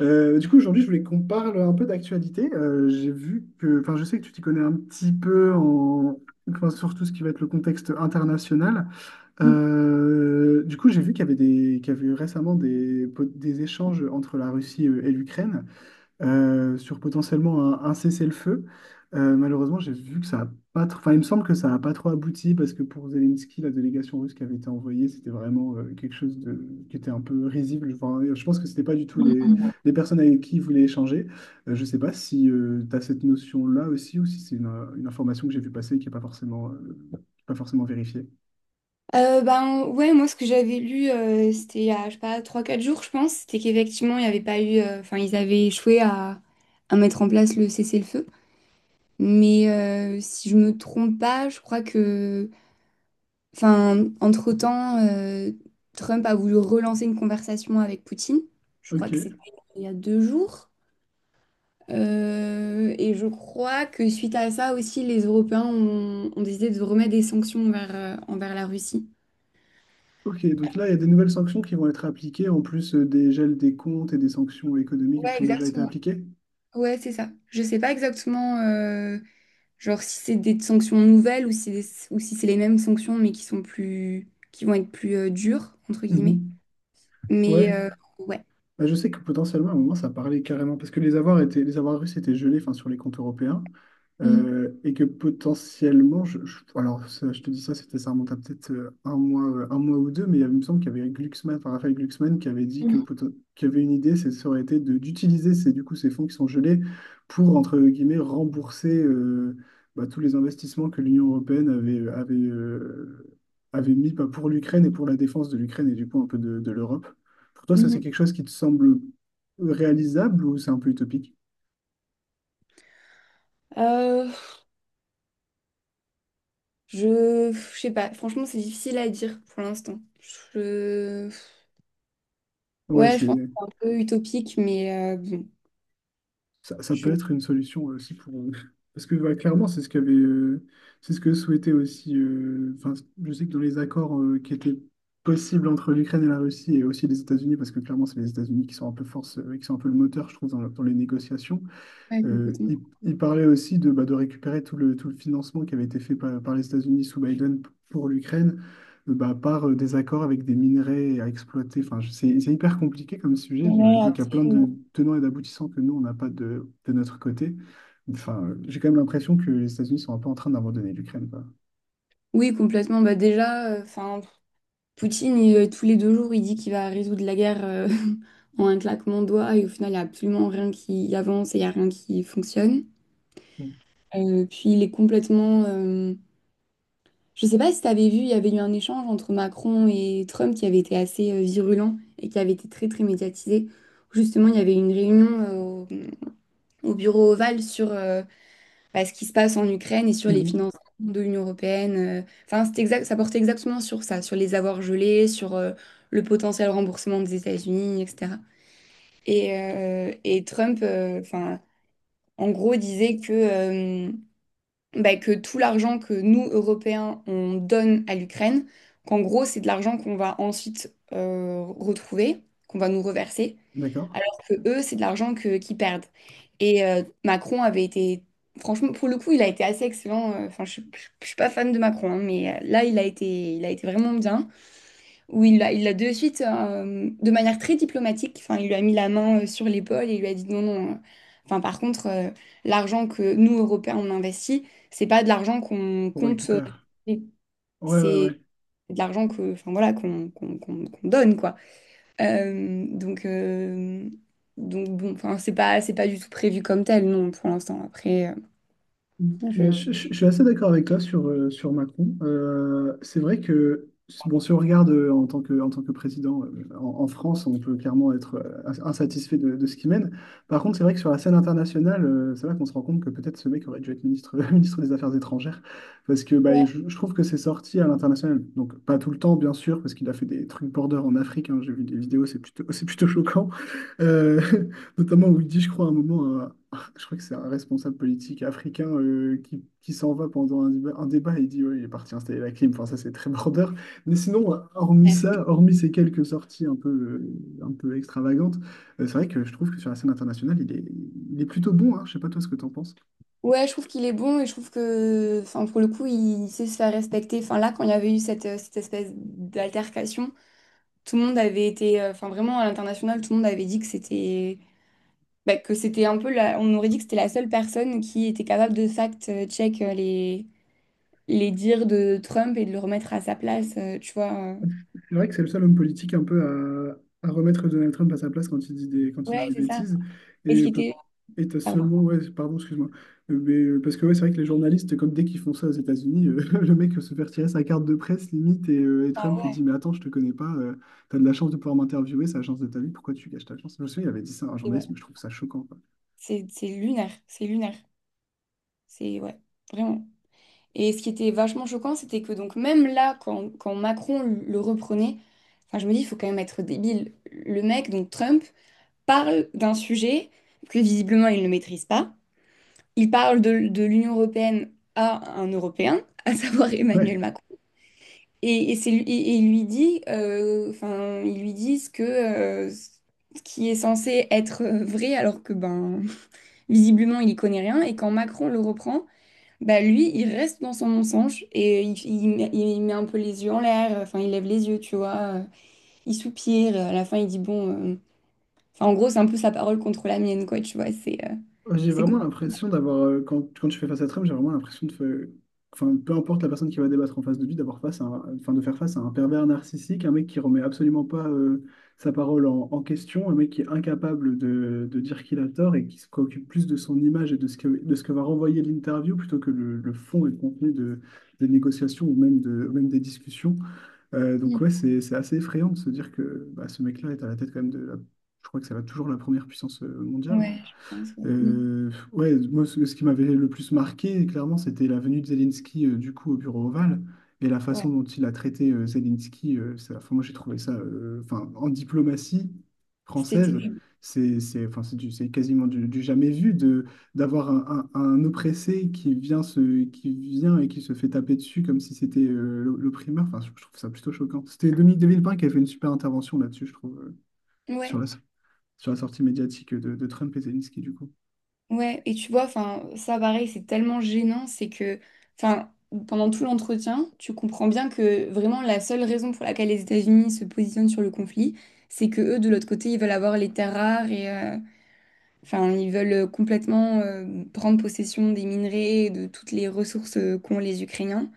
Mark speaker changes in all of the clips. Speaker 1: Aujourd'hui, je voulais qu'on parle un peu d'actualité. J'ai vu que, enfin, je sais que tu t'y connais un petit peu enfin, sur tout ce qui va être le contexte international. J'ai vu qu'il y avait qu'il y avait eu récemment des échanges entre la Russie et l'Ukraine sur potentiellement un cessez-le-feu. Malheureusement, j'ai vu que ça a pas trop... Enfin, il me semble que ça n'a pas trop abouti parce que pour Zelensky, la délégation russe qui avait été envoyée, c'était vraiment quelque chose de... qui était un peu risible. Enfin, je pense que c'était pas du tout les personnes avec qui il voulait échanger. Je sais pas si tu as cette notion-là aussi ou si c'est une information que j'ai vu passer et qui n'est pas forcément, pas forcément vérifiée.
Speaker 2: Ben ouais, moi ce que j'avais lu, c'était il y a, je sais pas, trois quatre jours, je pense, c'était qu'effectivement, il n'y avait pas eu, enfin, ils avaient échoué à, mettre en place le cessez-le-feu. Mais si je me trompe pas, je crois que, enfin, entre-temps, Trump a voulu relancer une conversation avec Poutine. Je crois que c'était
Speaker 1: Ok,
Speaker 2: il y a 2 jours. Et je crois que suite à ça aussi, les Européens ont décidé de remettre des sanctions envers la Russie.
Speaker 1: ok. Donc là, il y a des nouvelles sanctions qui vont être appliquées en plus des gels des comptes et des sanctions économiques
Speaker 2: Ouais,
Speaker 1: qui ont déjà été
Speaker 2: exactement.
Speaker 1: appliquées.
Speaker 2: Ouais, c'est ça. Je sais pas exactement, genre si c'est des sanctions nouvelles ou si, ou si c'est les mêmes sanctions mais qui vont être plus dures entre guillemets.
Speaker 1: Mhm. Ouais.
Speaker 2: Mais ouais.
Speaker 1: Bah, je sais que potentiellement à un moment ça parlait carrément parce que les avoirs étaient, les avoirs russes étaient gelés enfin, sur les comptes européens
Speaker 2: Mhm.
Speaker 1: et que potentiellement, alors ça, je te dis ça, c'était ça remonte à peut-être un mois ou deux, mais il me semble qu'il y avait Glucksmann, enfin Raphaël Glucksmann qui avait dit que
Speaker 2: Mhm.
Speaker 1: qu'il y avait une idée, ça aurait été d'utiliser du coup, ces fonds qui sont gelés pour entre guillemets rembourser bah, tous les investissements que l'Union européenne avait mis bah, pour l'Ukraine et pour la défense de l'Ukraine et du coup un peu de l'Europe. Pour toi, ça, c'est
Speaker 2: Mhm.
Speaker 1: quelque chose qui te semble réalisable ou c'est un peu utopique?
Speaker 2: Euh, je sais pas. Franchement, c'est difficile à dire pour l'instant. Je,
Speaker 1: Ouais,
Speaker 2: ouais, je
Speaker 1: c'est
Speaker 2: pense que c'est un peu utopique, mais bon,
Speaker 1: ça, ça peut
Speaker 2: je.
Speaker 1: être une solution aussi pour parce que bah, clairement, c'est ce qu'avait c'est ce que souhaitait aussi enfin, je sais que dans les accords qui étaient possibles entre l'Ukraine et la Russie et aussi les États-Unis parce que clairement, c'est les États-Unis qui sont un peu force qui sont un peu le moteur, je trouve dans les négociations.
Speaker 2: Ouais, complètement.
Speaker 1: Il parlait aussi de, bah, de récupérer tout le financement qui avait été fait par les États-Unis sous Biden pour l'Ukraine, bah, par des accords avec des minerais à exploiter. C'est hyper compliqué comme sujet.
Speaker 2: Ouais,
Speaker 1: J'imagine qu'il y a
Speaker 2: après,
Speaker 1: plein
Speaker 2: euh,
Speaker 1: de tenants et d'aboutissants que nous, on n'a pas de notre côté. Enfin, j'ai quand même l'impression que les États-Unis sont un peu en train d'abandonner l'Ukraine, quoi.
Speaker 2: Oui, complètement. Bah déjà, enfin. Poutine, il, tous les 2 jours, il dit qu'il va résoudre la guerre en un claquement de doigts et au final, il n'y a absolument rien qui avance et il n'y a rien qui fonctionne.
Speaker 1: Mm.
Speaker 2: Puis il est complètement. Je ne sais pas si tu avais vu, il y avait eu un échange entre Macron et Trump qui avait été assez virulent et qui avait été très très médiatisé. Justement, il y avait une réunion au bureau Oval sur, bah, ce qui se passe en Ukraine et sur les
Speaker 1: Mhm.
Speaker 2: financements de l'Union européenne. Enfin, c'est exact, ça portait exactement sur ça, sur les avoirs gelés, sur le potentiel remboursement des États-Unis, etc. Et Trump, enfin, en gros, disait que, bah, que tout l'argent que nous, Européens, on donne à l'Ukraine, qu'en gros, c'est de l'argent qu'on va ensuite retrouver, qu'on va nous reverser
Speaker 1: D'accord?
Speaker 2: alors que eux, c'est de l'argent qu'ils perdent. Et Macron avait été, franchement, pour le coup, il a été assez excellent. Enfin, je suis pas fan de Macron, hein, mais là, il a été vraiment bien. Où il a de suite, de manière très diplomatique, enfin, il lui a mis la main sur l'épaule et il lui a dit non, non. Enfin, par contre, l'argent que nous, Européens, on investit, c'est pas de l'argent qu'on
Speaker 1: On
Speaker 2: compte,
Speaker 1: récupère. Ouais, ouais,
Speaker 2: c'est
Speaker 1: ouais.
Speaker 2: de l'argent que, enfin voilà, qu'on donne, quoi. Euh, donc, euh, donc bon, enfin, c'est pas du tout prévu comme tel, non, pour l'instant. Après,
Speaker 1: Mm.
Speaker 2: je...
Speaker 1: Ouais, je suis assez d'accord avec toi sur, sur Macron. C'est vrai que, bon, si on regarde en tant que président en France, on peut clairement être insatisfait de ce qu'il mène. Par contre, c'est vrai que sur la scène internationale, c'est là qu'on se rend compte que peut-être ce mec aurait dû être ministre, ministre des Affaires étrangères. Parce que bah,
Speaker 2: Ouais,
Speaker 1: je trouve que c'est sorti à l'international. Donc, pas tout le temps, bien sûr, parce qu'il a fait des trucs border en Afrique, hein. J'ai vu des vidéos, c'est plutôt, c'est plutôt choquant. Euh, Notamment où il dit, je crois, à un moment, je crois que c'est un responsable politique africain qui s'en va pendant un débat et il dit, ouais, il est parti installer la clim. Enfin, ça, c'est très border. Mais sinon, hormis
Speaker 2: bref.
Speaker 1: ça, hormis ces quelques sorties un peu extravagantes, c'est vrai que je trouve que sur la scène internationale, il est plutôt bon, hein. Je sais pas toi ce que t'en penses.
Speaker 2: Ouais, je trouve qu'il est bon et je trouve que, enfin, pour le coup, il sait se faire respecter. Enfin, là, quand il y avait eu cette espèce d'altercation, tout le monde avait été, enfin, vraiment à l'international, tout le monde avait dit que c'était, bah, que c'était un peu on aurait dit que c'était la seule personne qui était capable de fact-check les dires de Trump et de le remettre à sa place, tu vois.
Speaker 1: C'est vrai que c'est le seul homme politique un peu à remettre Donald Trump à sa place quand il dit quand il
Speaker 2: Ouais,
Speaker 1: dit des
Speaker 2: c'est ça.
Speaker 1: bêtises.
Speaker 2: Et ce
Speaker 1: Et,
Speaker 2: qui
Speaker 1: peut-
Speaker 2: était.
Speaker 1: et t'as
Speaker 2: Pardon.
Speaker 1: seulement, ouais, pardon, excuse-moi. Mais parce que ouais, c'est vrai que les journalistes, comme dès qu'ils font ça aux États-Unis, le mec se fait retirer sa carte de presse limite et et
Speaker 2: Ah
Speaker 1: Trump lui
Speaker 2: ouais.
Speaker 1: dit, mais attends, je te connais pas, t'as de la chance de pouvoir m'interviewer, c'est la chance de ta vie, pourquoi tu gâches ta chance? Je me souviens, il avait dit ça à un
Speaker 2: Et ouais.
Speaker 1: journaliste, mais je trouve ça choquant, quoi.
Speaker 2: C'est lunaire, c'est lunaire. C'est ouais, vraiment. Et ce qui était vachement choquant, c'était que donc même là, quand Macron le reprenait, enfin je me dis, il faut quand même être débile. Le mec, donc Trump, parle d'un sujet que visiblement il ne maîtrise pas. Il parle de l'Union européenne à un Européen, à savoir Emmanuel
Speaker 1: Ouais.
Speaker 2: Macron. Et il lui dit, enfin, ils lui disent que ce qui est censé être vrai, alors que ben. Visiblement, il y connaît rien. Et quand Macron le reprend, bah lui, il reste dans son mensonge et il met un peu les yeux en l'air. Enfin, il lève les yeux, tu vois. Il soupire. À la fin, il dit bon. Enfin, en gros, c'est un peu sa parole contre la mienne, quoi. Tu vois, c'est euh,
Speaker 1: Ouais, j'ai
Speaker 2: c'est
Speaker 1: vraiment
Speaker 2: compliqué.
Speaker 1: l'impression d'avoir, quand tu fais face à Trump, j'ai vraiment l'impression de enfin, peu importe la personne qui va débattre en face de lui, d'avoir face à enfin, de faire face à un pervers narcissique, un mec qui remet absolument pas sa parole en question, un mec qui est incapable de dire qu'il a tort et qui se préoccupe plus de son image et de ce que va renvoyer l'interview plutôt que le fond et le contenu des négociations ou même, même des discussions. Donc ouais, c'est assez effrayant de se dire que bah, ce mec-là est à la tête quand même de la, je crois que ça va toujours la première puissance mondiale.
Speaker 2: Ouais, je pense. Ouais. Mm.
Speaker 1: Ouais, moi, ce qui m'avait le plus marqué, clairement, c'était la venue de Zelensky, du coup, au bureau ovale et la
Speaker 2: Ouais.
Speaker 1: façon dont il a traité Zelensky. Enfin, moi, j'ai trouvé ça, enfin, en diplomatie
Speaker 2: C'était
Speaker 1: française,
Speaker 2: terrible.
Speaker 1: enfin, c'est c'est quasiment du jamais vu de, d'avoir un oppressé qui vient, qui vient et qui se fait taper dessus comme si c'était l'opprimeur. Enfin, je trouve ça plutôt choquant. C'était Dominique de Villepin qui a fait une super intervention là-dessus, je trouve, sur
Speaker 2: Ouais.
Speaker 1: la, sur la sortie médiatique de Trump et Zelensky, du coup.
Speaker 2: Ouais, et tu vois, enfin, ça pareil, c'est tellement gênant, c'est que, enfin, pendant tout l'entretien, tu comprends bien que vraiment la seule raison pour laquelle les États-Unis se positionnent sur le conflit, c'est que eux, de l'autre côté, ils veulent avoir les terres rares et, enfin, ils veulent complètement prendre possession des minerais, et de toutes les ressources qu'ont les Ukrainiens.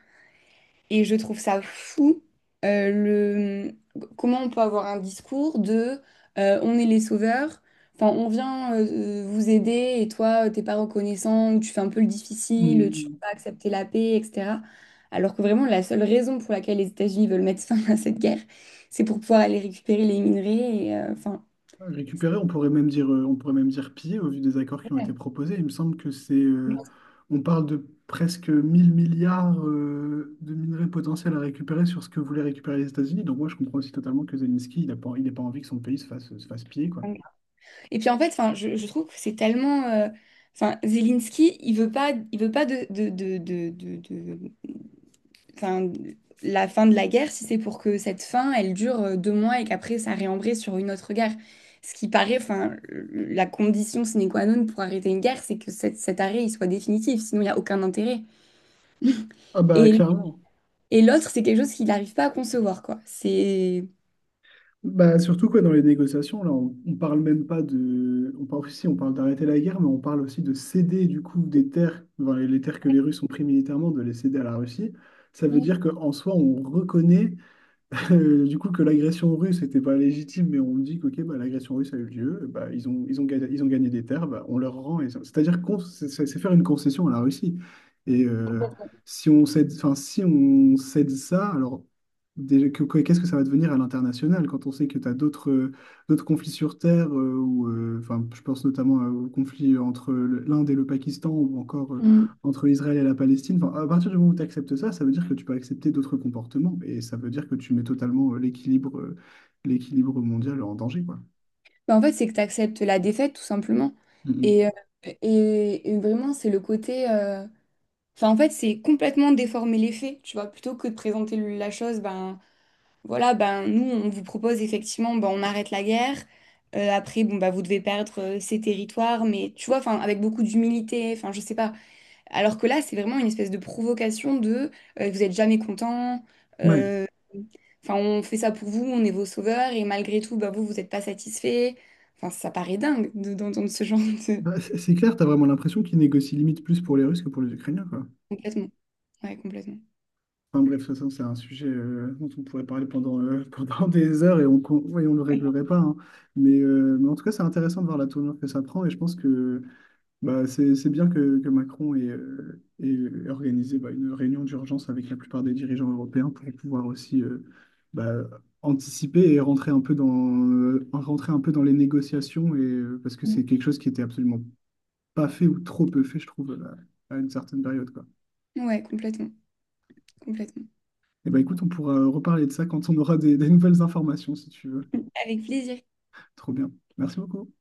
Speaker 2: Et je trouve ça fou, euh, le... comment on peut avoir un discours de on est les sauveurs, enfin on vient vous aider et toi t'es pas reconnaissant, ou tu fais un peu le difficile, tu veux
Speaker 1: Hmm.
Speaker 2: pas accepter la paix, etc. Alors que vraiment la seule raison pour laquelle les États-Unis veulent mettre fin à cette guerre, c'est pour pouvoir aller récupérer les minerais et enfin.
Speaker 1: Récupérer, on pourrait même dire, on pourrait même dire piller au vu des accords qui ont été
Speaker 2: Ouais.
Speaker 1: proposés. Il me semble que on parle de presque 1000 milliards de minerais potentiels à récupérer sur ce que voulaient récupérer les États-Unis. Donc moi, je comprends aussi totalement que Zelensky, il n'a pas envie que son pays se fasse piller, quoi.
Speaker 2: Et puis en fait, enfin, je trouve que c'est tellement, enfin, Zelensky, il veut pas enfin, la fin de la guerre si c'est pour que cette fin, elle dure 2 mois et qu'après ça réembraye sur une autre guerre. Ce qui paraît, enfin, la condition sine qua non pour arrêter une guerre, c'est que cet arrêt il soit définitif, sinon il n'y a aucun intérêt.
Speaker 1: Ah bah
Speaker 2: Et,
Speaker 1: clairement.
Speaker 2: et l'autre, c'est quelque chose qu'il n'arrive pas à concevoir, quoi. C'est.
Speaker 1: Bah, surtout quoi, dans les négociations, là, on parle même pas de. On parle aussi, on parle d'arrêter la guerre, mais on parle aussi de céder du coup des terres, enfin, les terres que les Russes ont pris militairement, de les céder à la Russie. Ça veut dire qu'en soi, on reconnaît que l'agression russe n'était pas légitime, mais on me dit que ok, bah, l'agression russe a eu lieu, bah, ils ont gagné des terres, bah, on leur rend, c'est-à-dire qu'on, c'est faire une concession à la Russie. Et si on cède, enfin, si on cède ça, alors déjà, qu'est-ce que ça va devenir à l'international quand on sait que tu as d'autres d'autres conflits sur terre, enfin, je pense notamment au conflit entre l'Inde et le Pakistan, ou encore
Speaker 2: Mm.
Speaker 1: entre l'Israël et la Palestine, enfin, à partir du moment où tu acceptes ça, ça veut dire que tu peux accepter d'autres comportements et ça veut dire que tu mets totalement l'équilibre mondial en danger, quoi.
Speaker 2: Ben, en fait, c'est que tu acceptes la défaite, tout simplement. Et, euh,
Speaker 1: Mhm.
Speaker 2: et vraiment, c'est le côté. Enfin, en fait, c'est complètement déformer les faits, tu vois, plutôt que de présenter la chose, ben voilà, ben, nous, on vous propose effectivement, ben, on arrête la guerre. Après, bon, bah, vous devez perdre ces territoires, mais tu vois, enfin, avec beaucoup d'humilité, enfin, je sais pas. Alors que là, c'est vraiment une espèce de provocation de vous êtes jamais content,
Speaker 1: Ouais,
Speaker 2: euh, enfin, on fait ça pour vous, on est vos sauveurs, et malgré tout, bah, vous, vous n'êtes pas satisfait. Enfin, ça paraît dingue d'entendre ce genre de.
Speaker 1: bah, c'est clair, tu as vraiment l'impression qu'ils négocient limite plus pour les Russes que pour les Ukrainiens, quoi.
Speaker 2: Complètement, ouais, complètement.
Speaker 1: Enfin bref, de toute façon, c'est un sujet dont on pourrait parler pendant, pendant des heures et on ne le réglerait pas, hein. Mais en tout cas, c'est intéressant de voir la tournure que ça prend et je pense que bah, c'est bien que Macron ait, ait organisé bah, une réunion d'urgence avec la plupart des dirigeants européens pour pouvoir aussi bah, anticiper et rentrer un peu rentrer un peu dans les négociations, parce que c'est quelque chose qui était absolument pas fait ou trop peu fait, je trouve, à une certaine période, quoi.
Speaker 2: Ouais, complètement, complètement.
Speaker 1: Et bah, écoute, on pourra reparler de ça quand on aura des nouvelles informations, si tu veux.
Speaker 2: Avec plaisir.
Speaker 1: Trop bien. Merci beaucoup.